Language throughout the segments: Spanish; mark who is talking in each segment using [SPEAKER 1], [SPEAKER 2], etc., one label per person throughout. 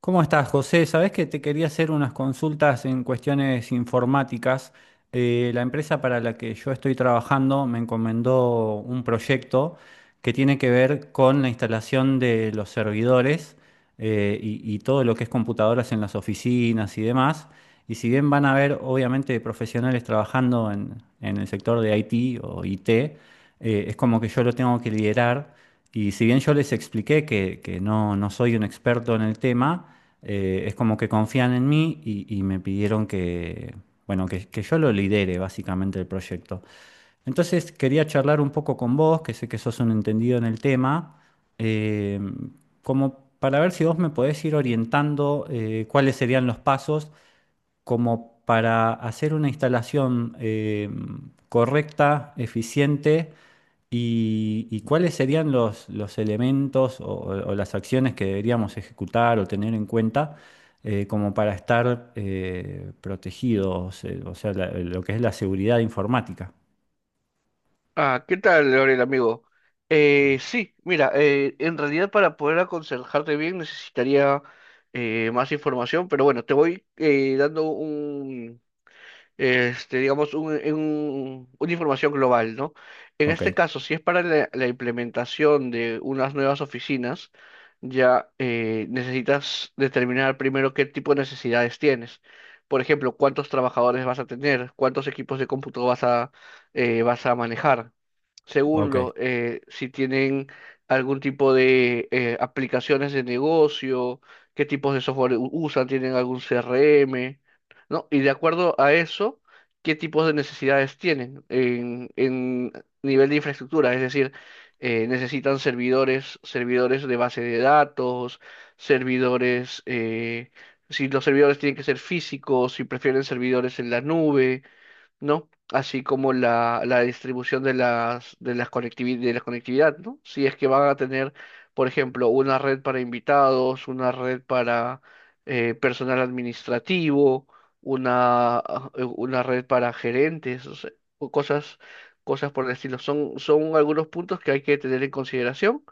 [SPEAKER 1] ¿Cómo estás, José? Sabés que te quería hacer unas consultas en cuestiones informáticas. La empresa para la que yo estoy trabajando me encomendó un proyecto que tiene que ver con la instalación de los servidores y todo lo que es computadoras en las oficinas y demás. Y si bien van a haber, obviamente, profesionales trabajando en el sector de IT o IT, es como que yo lo tengo que liderar. Y si bien yo les expliqué que no, no soy un experto en el tema, es como que confían en mí y me pidieron que, bueno, que yo lo lidere básicamente el proyecto. Entonces quería charlar un poco con vos, que sé que sos un entendido en el tema, eh, como para ver si vos me podés ir orientando cuáles serían los pasos como para hacer una instalación correcta, eficiente, y cuáles serían los elementos o las acciones que deberíamos ejecutar o tener en cuenta como para estar protegidos, o sea, lo que es la seguridad informática.
[SPEAKER 2] Ah, ¿qué tal, Gabriel, amigo? Sí, mira, en realidad para poder aconsejarte bien necesitaría más información, pero bueno, te voy dando digamos, una información global, ¿no? En
[SPEAKER 1] Ok,
[SPEAKER 2] este caso, si es para la implementación de unas nuevas oficinas, ya necesitas determinar primero qué tipo de necesidades tienes. Por ejemplo, cuántos trabajadores vas a tener, cuántos equipos de cómputo vas a manejar.
[SPEAKER 1] ok.
[SPEAKER 2] Segundo, si tienen algún tipo de aplicaciones de negocio, qué tipos de software usan, tienen algún CRM, ¿no? Y de acuerdo a eso, ¿qué tipos de necesidades tienen en nivel de infraestructura? Es decir, necesitan servidores, servidores de base de datos, servidores, si los servidores tienen que ser físicos, si prefieren servidores en la nube, ¿no? Así como la distribución de de las de la conectividad, ¿no? Si es que van a tener, por ejemplo, una red para invitados, una red para personal administrativo, una red para gerentes, o sea, o cosas, cosas por el estilo. Son algunos puntos que hay que tener en consideración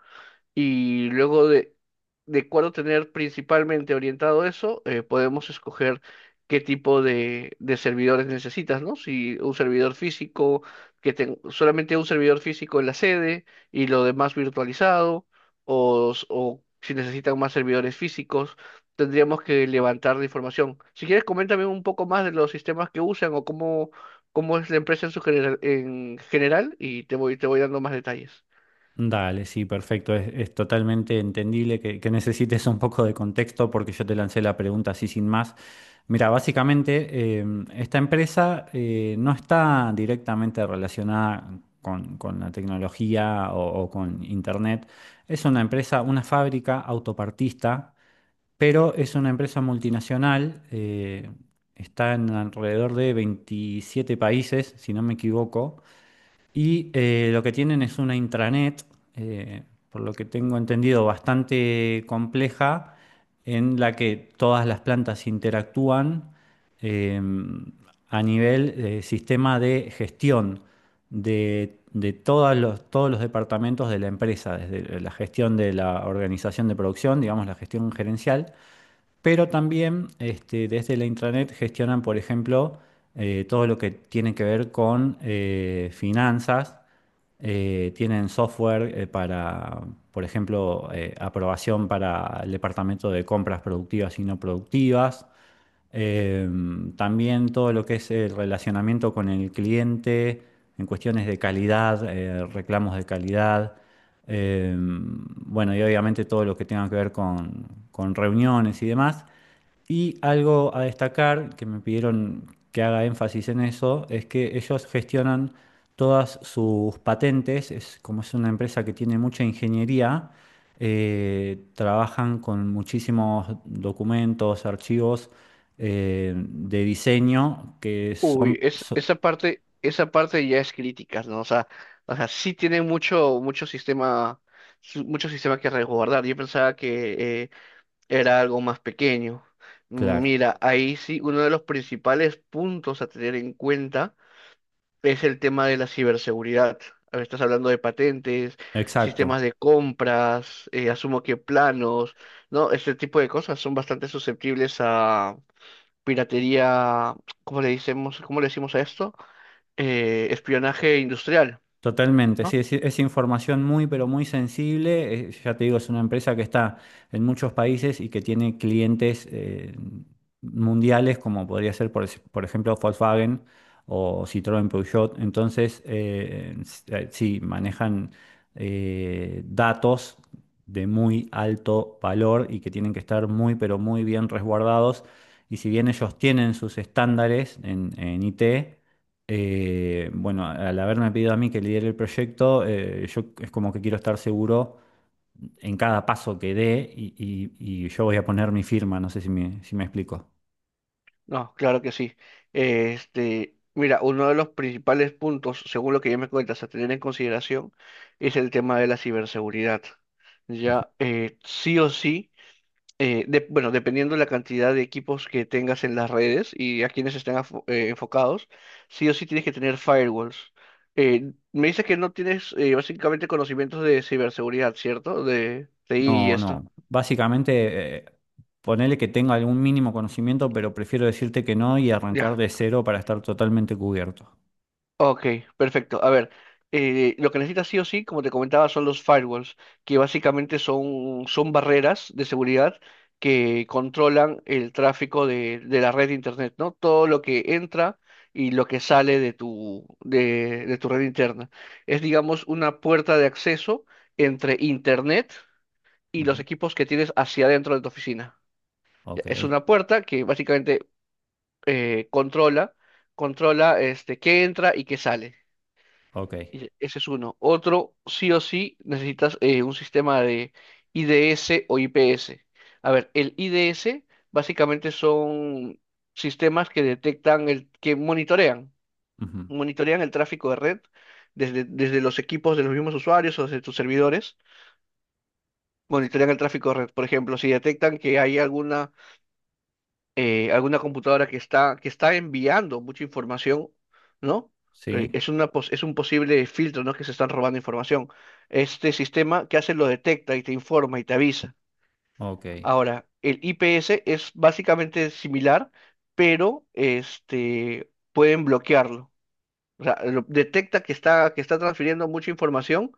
[SPEAKER 2] y luego de cuándo tener principalmente orientado eso, podemos escoger qué tipo de servidores necesitas, ¿no? Si un servidor físico, que solamente un servidor físico en la sede y lo demás virtualizado, o si necesitan más servidores físicos, tendríamos que levantar la información. Si quieres, coméntame un poco más de los sistemas que usan o cómo, cómo es la empresa en su general, en general y te voy dando más detalles.
[SPEAKER 1] Dale, sí, perfecto. Es totalmente entendible que necesites un poco de contexto porque yo te lancé la pregunta así sin más. Mira, básicamente esta empresa no está directamente relacionada con la tecnología o con Internet. Es una empresa, una fábrica autopartista, pero es una empresa multinacional. Está en alrededor de 27 países, si no me equivoco. Y lo que tienen es una intranet, eh, por lo que tengo entendido, bastante compleja, en la que todas las plantas interactúan eh, a nivel sistema de gestión de todos los departamentos de la empresa, desde la gestión de la organización de producción, digamos la gestión gerencial, pero también desde la intranet gestionan, por ejemplo, todo lo que tiene que ver con finanzas. Tienen software para, por ejemplo, aprobación para el departamento de compras productivas y no productivas. También todo lo que es el relacionamiento con el cliente en cuestiones de calidad, reclamos de calidad. Bueno, y obviamente todo lo que tenga que ver con reuniones y demás. Y algo a destacar, que me pidieron que haga énfasis en eso, es que ellos gestionan todas sus patentes, es como es una empresa que tiene mucha ingeniería, trabajan con muchísimos documentos, archivos de diseño que son.
[SPEAKER 2] Uy, esa parte ya es crítica, ¿no? O sea, sí tiene mucho, mucho sistema, mucho sistema que resguardar. Yo pensaba que era algo más pequeño.
[SPEAKER 1] Claro,
[SPEAKER 2] Mira, ahí sí, uno de los principales puntos a tener en cuenta es el tema de la ciberseguridad. A ver, estás hablando de patentes,
[SPEAKER 1] exacto.
[SPEAKER 2] sistemas de compras, asumo que planos, ¿no? Este tipo de cosas son bastante susceptibles a piratería. ¿Cómo le decimos, cómo le decimos a esto? Espionaje industrial,
[SPEAKER 1] Totalmente,
[SPEAKER 2] ¿no?
[SPEAKER 1] sí, es información muy, pero muy sensible. Ya te digo, es una empresa que está en muchos países y que tiene clientes mundiales, como podría ser, por ejemplo, Volkswagen o Citroën Peugeot. Entonces, sí, manejan datos de muy alto valor y que tienen que estar muy, pero muy bien resguardados. Y si bien ellos tienen sus estándares en IT, bueno, al haberme pedido a mí que lidere el proyecto, yo es como que quiero estar seguro en cada paso que dé y yo voy a poner mi firma, no sé si me explico.
[SPEAKER 2] No, claro que sí. Este, mira, uno de los principales puntos, según lo que ya me cuentas, a tener en consideración es el tema de la ciberseguridad. Ya, sí o sí, bueno, dependiendo de la cantidad de equipos que tengas en las redes y a quienes estén enfocados, sí o sí tienes que tener firewalls. Me dices que no tienes básicamente conocimientos de ciberseguridad, ¿cierto? De TI y
[SPEAKER 1] No,
[SPEAKER 2] esto.
[SPEAKER 1] no, básicamente ponele que tenga algún mínimo conocimiento, pero prefiero decirte que no y arrancar
[SPEAKER 2] Ya,
[SPEAKER 1] de cero para estar totalmente cubierto.
[SPEAKER 2] ok, perfecto. A ver, lo que necesitas sí o sí, como te comentaba, son los firewalls, que básicamente son barreras de seguridad que controlan el tráfico de la red de internet, ¿no? Todo lo que entra y lo que sale de tu red interna. Es, digamos, una puerta de acceso entre internet y los
[SPEAKER 1] Ujú.
[SPEAKER 2] equipos que tienes hacia adentro de tu oficina.
[SPEAKER 1] Ok,
[SPEAKER 2] Es una puerta que básicamente eh, controla, controla este, qué entra y qué sale.
[SPEAKER 1] ok.
[SPEAKER 2] Ese es uno. Otro, sí o sí, necesitas un sistema de IDS o IPS. A ver, el IDS básicamente son sistemas que que monitorean,
[SPEAKER 1] Ujú.
[SPEAKER 2] monitorean el tráfico de red desde los equipos de los mismos usuarios o desde tus servidores, monitorean el tráfico de red. Por ejemplo, si detectan que hay algún alguna computadora que que está enviando mucha información, ¿no?
[SPEAKER 1] Sí,
[SPEAKER 2] Es un posible filtro, ¿no? Que se están robando información. Este sistema que hace lo detecta y te informa y te avisa.
[SPEAKER 1] ok.
[SPEAKER 2] Ahora, el IPS es básicamente similar, pero este, pueden bloquearlo. O sea, detecta que que está transfiriendo mucha información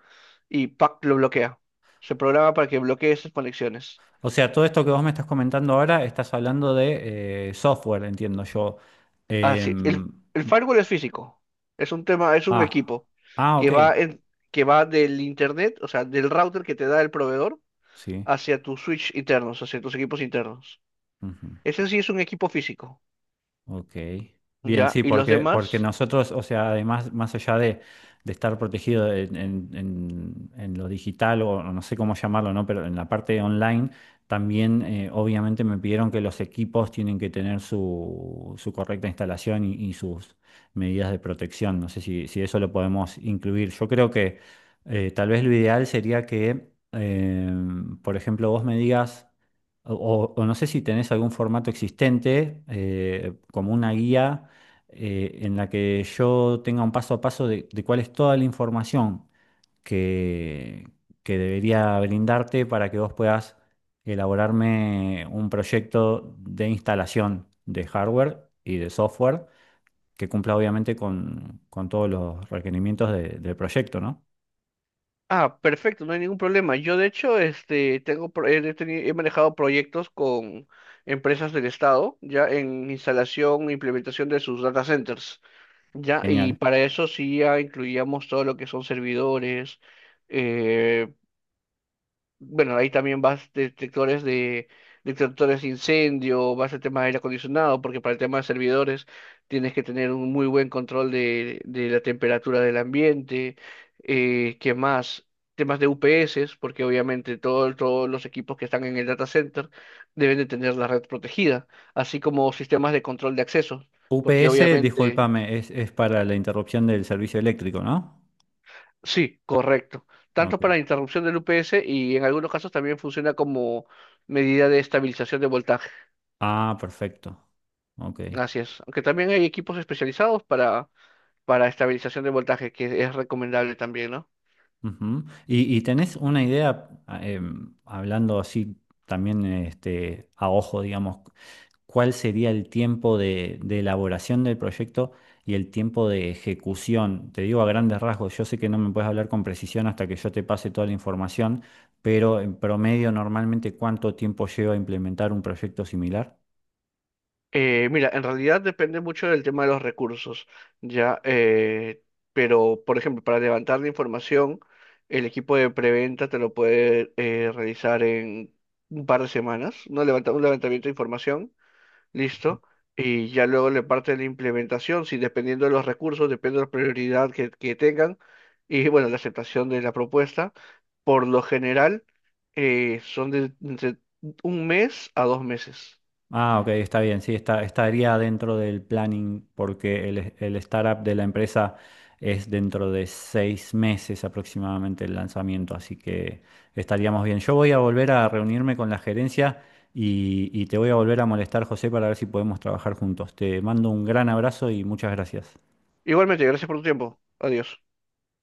[SPEAKER 2] y ¡pac!, lo bloquea. Se programa para que bloquee esas conexiones.
[SPEAKER 1] O sea, todo esto que vos me estás comentando ahora, estás hablando de software, entiendo yo.
[SPEAKER 2] Así,
[SPEAKER 1] Em,
[SPEAKER 2] el firewall es físico. Es un
[SPEAKER 1] ah,
[SPEAKER 2] equipo
[SPEAKER 1] ah,
[SPEAKER 2] que
[SPEAKER 1] ok,
[SPEAKER 2] va en- que va del internet, o sea, del router que te da el proveedor
[SPEAKER 1] sí.
[SPEAKER 2] hacia tus switch internos, hacia tus equipos internos.
[SPEAKER 1] Ujú.
[SPEAKER 2] Ese sí es un equipo físico,
[SPEAKER 1] Ok. Bien,
[SPEAKER 2] ¿ya?
[SPEAKER 1] sí,
[SPEAKER 2] Y los
[SPEAKER 1] porque
[SPEAKER 2] demás,
[SPEAKER 1] nosotros, o sea, además, más allá de estar protegido en lo digital o no sé cómo llamarlo, ¿no? Pero en la parte online, también obviamente me pidieron que los equipos tienen que tener su correcta instalación y sus medidas de protección. No sé si eso lo podemos incluir. Yo creo que tal vez lo ideal sería que, por ejemplo, vos me digas. O no sé si tenés algún formato existente, como una guía en la que yo tenga un paso a paso de cuál es toda la información que, que debería brindarte para que vos puedas elaborarme un proyecto de instalación de hardware y de software que cumpla obviamente con todos los requerimientos del proyecto, ¿no?
[SPEAKER 2] ah, perfecto, no hay ningún problema. Yo de hecho, este, tengo, pro- he, teni- he manejado proyectos con empresas del estado, ya en instalación e implementación de sus data centers. Ya, y
[SPEAKER 1] Genial.
[SPEAKER 2] para eso sí ya incluíamos todo lo que son servidores, eh, bueno, ahí también vas detectores de incendio, vas al tema de aire acondicionado, porque para el tema de servidores tienes que tener un muy buen control de la temperatura del ambiente, ¿qué más? Temas de UPS, porque obviamente todos los equipos que están en el data center deben de tener la red protegida, así como sistemas de control de acceso, porque
[SPEAKER 1] UPS,
[SPEAKER 2] obviamente...
[SPEAKER 1] discúlpame, es para la interrupción del servicio eléctrico, ¿no?
[SPEAKER 2] Sí, correcto. Tanto
[SPEAKER 1] Ok.
[SPEAKER 2] para interrupción del UPS y en algunos casos también funciona como medida de estabilización de voltaje.
[SPEAKER 1] Ah, perfecto. Ok.
[SPEAKER 2] Así es. Aunque también hay equipos especializados para estabilización de voltaje, que es recomendable también, ¿no?
[SPEAKER 1] Ujú. ¿Y tenés una idea, hablando así también a ojo, digamos, cuál sería el tiempo de elaboración del proyecto y el tiempo de ejecución? Te digo a grandes rasgos, yo sé que no me puedes hablar con precisión hasta que yo te pase toda la información, pero en promedio, normalmente, ¿cuánto tiempo lleva a implementar un proyecto similar?
[SPEAKER 2] Mira, en realidad depende mucho del tema de los recursos, ya, pero por ejemplo, para levantar la información, el equipo de preventa te lo puede realizar en un par de semanas, ¿no? Levanta, un levantamiento de información. Listo. Y ya luego le parte la implementación, si dependiendo de los recursos, depende de la prioridad que tengan y bueno, la aceptación de la propuesta. Por lo general, son de entre un mes a dos meses.
[SPEAKER 1] Ah, ok, está bien, sí, estaría dentro del planning porque el startup de la empresa es dentro de 6 meses aproximadamente el lanzamiento, así que estaríamos bien. Yo voy a volver a reunirme con la gerencia y te voy a volver a molestar, José, para ver si podemos trabajar juntos. Te mando un gran abrazo y muchas gracias.
[SPEAKER 2] Igualmente, gracias por tu tiempo. Adiós.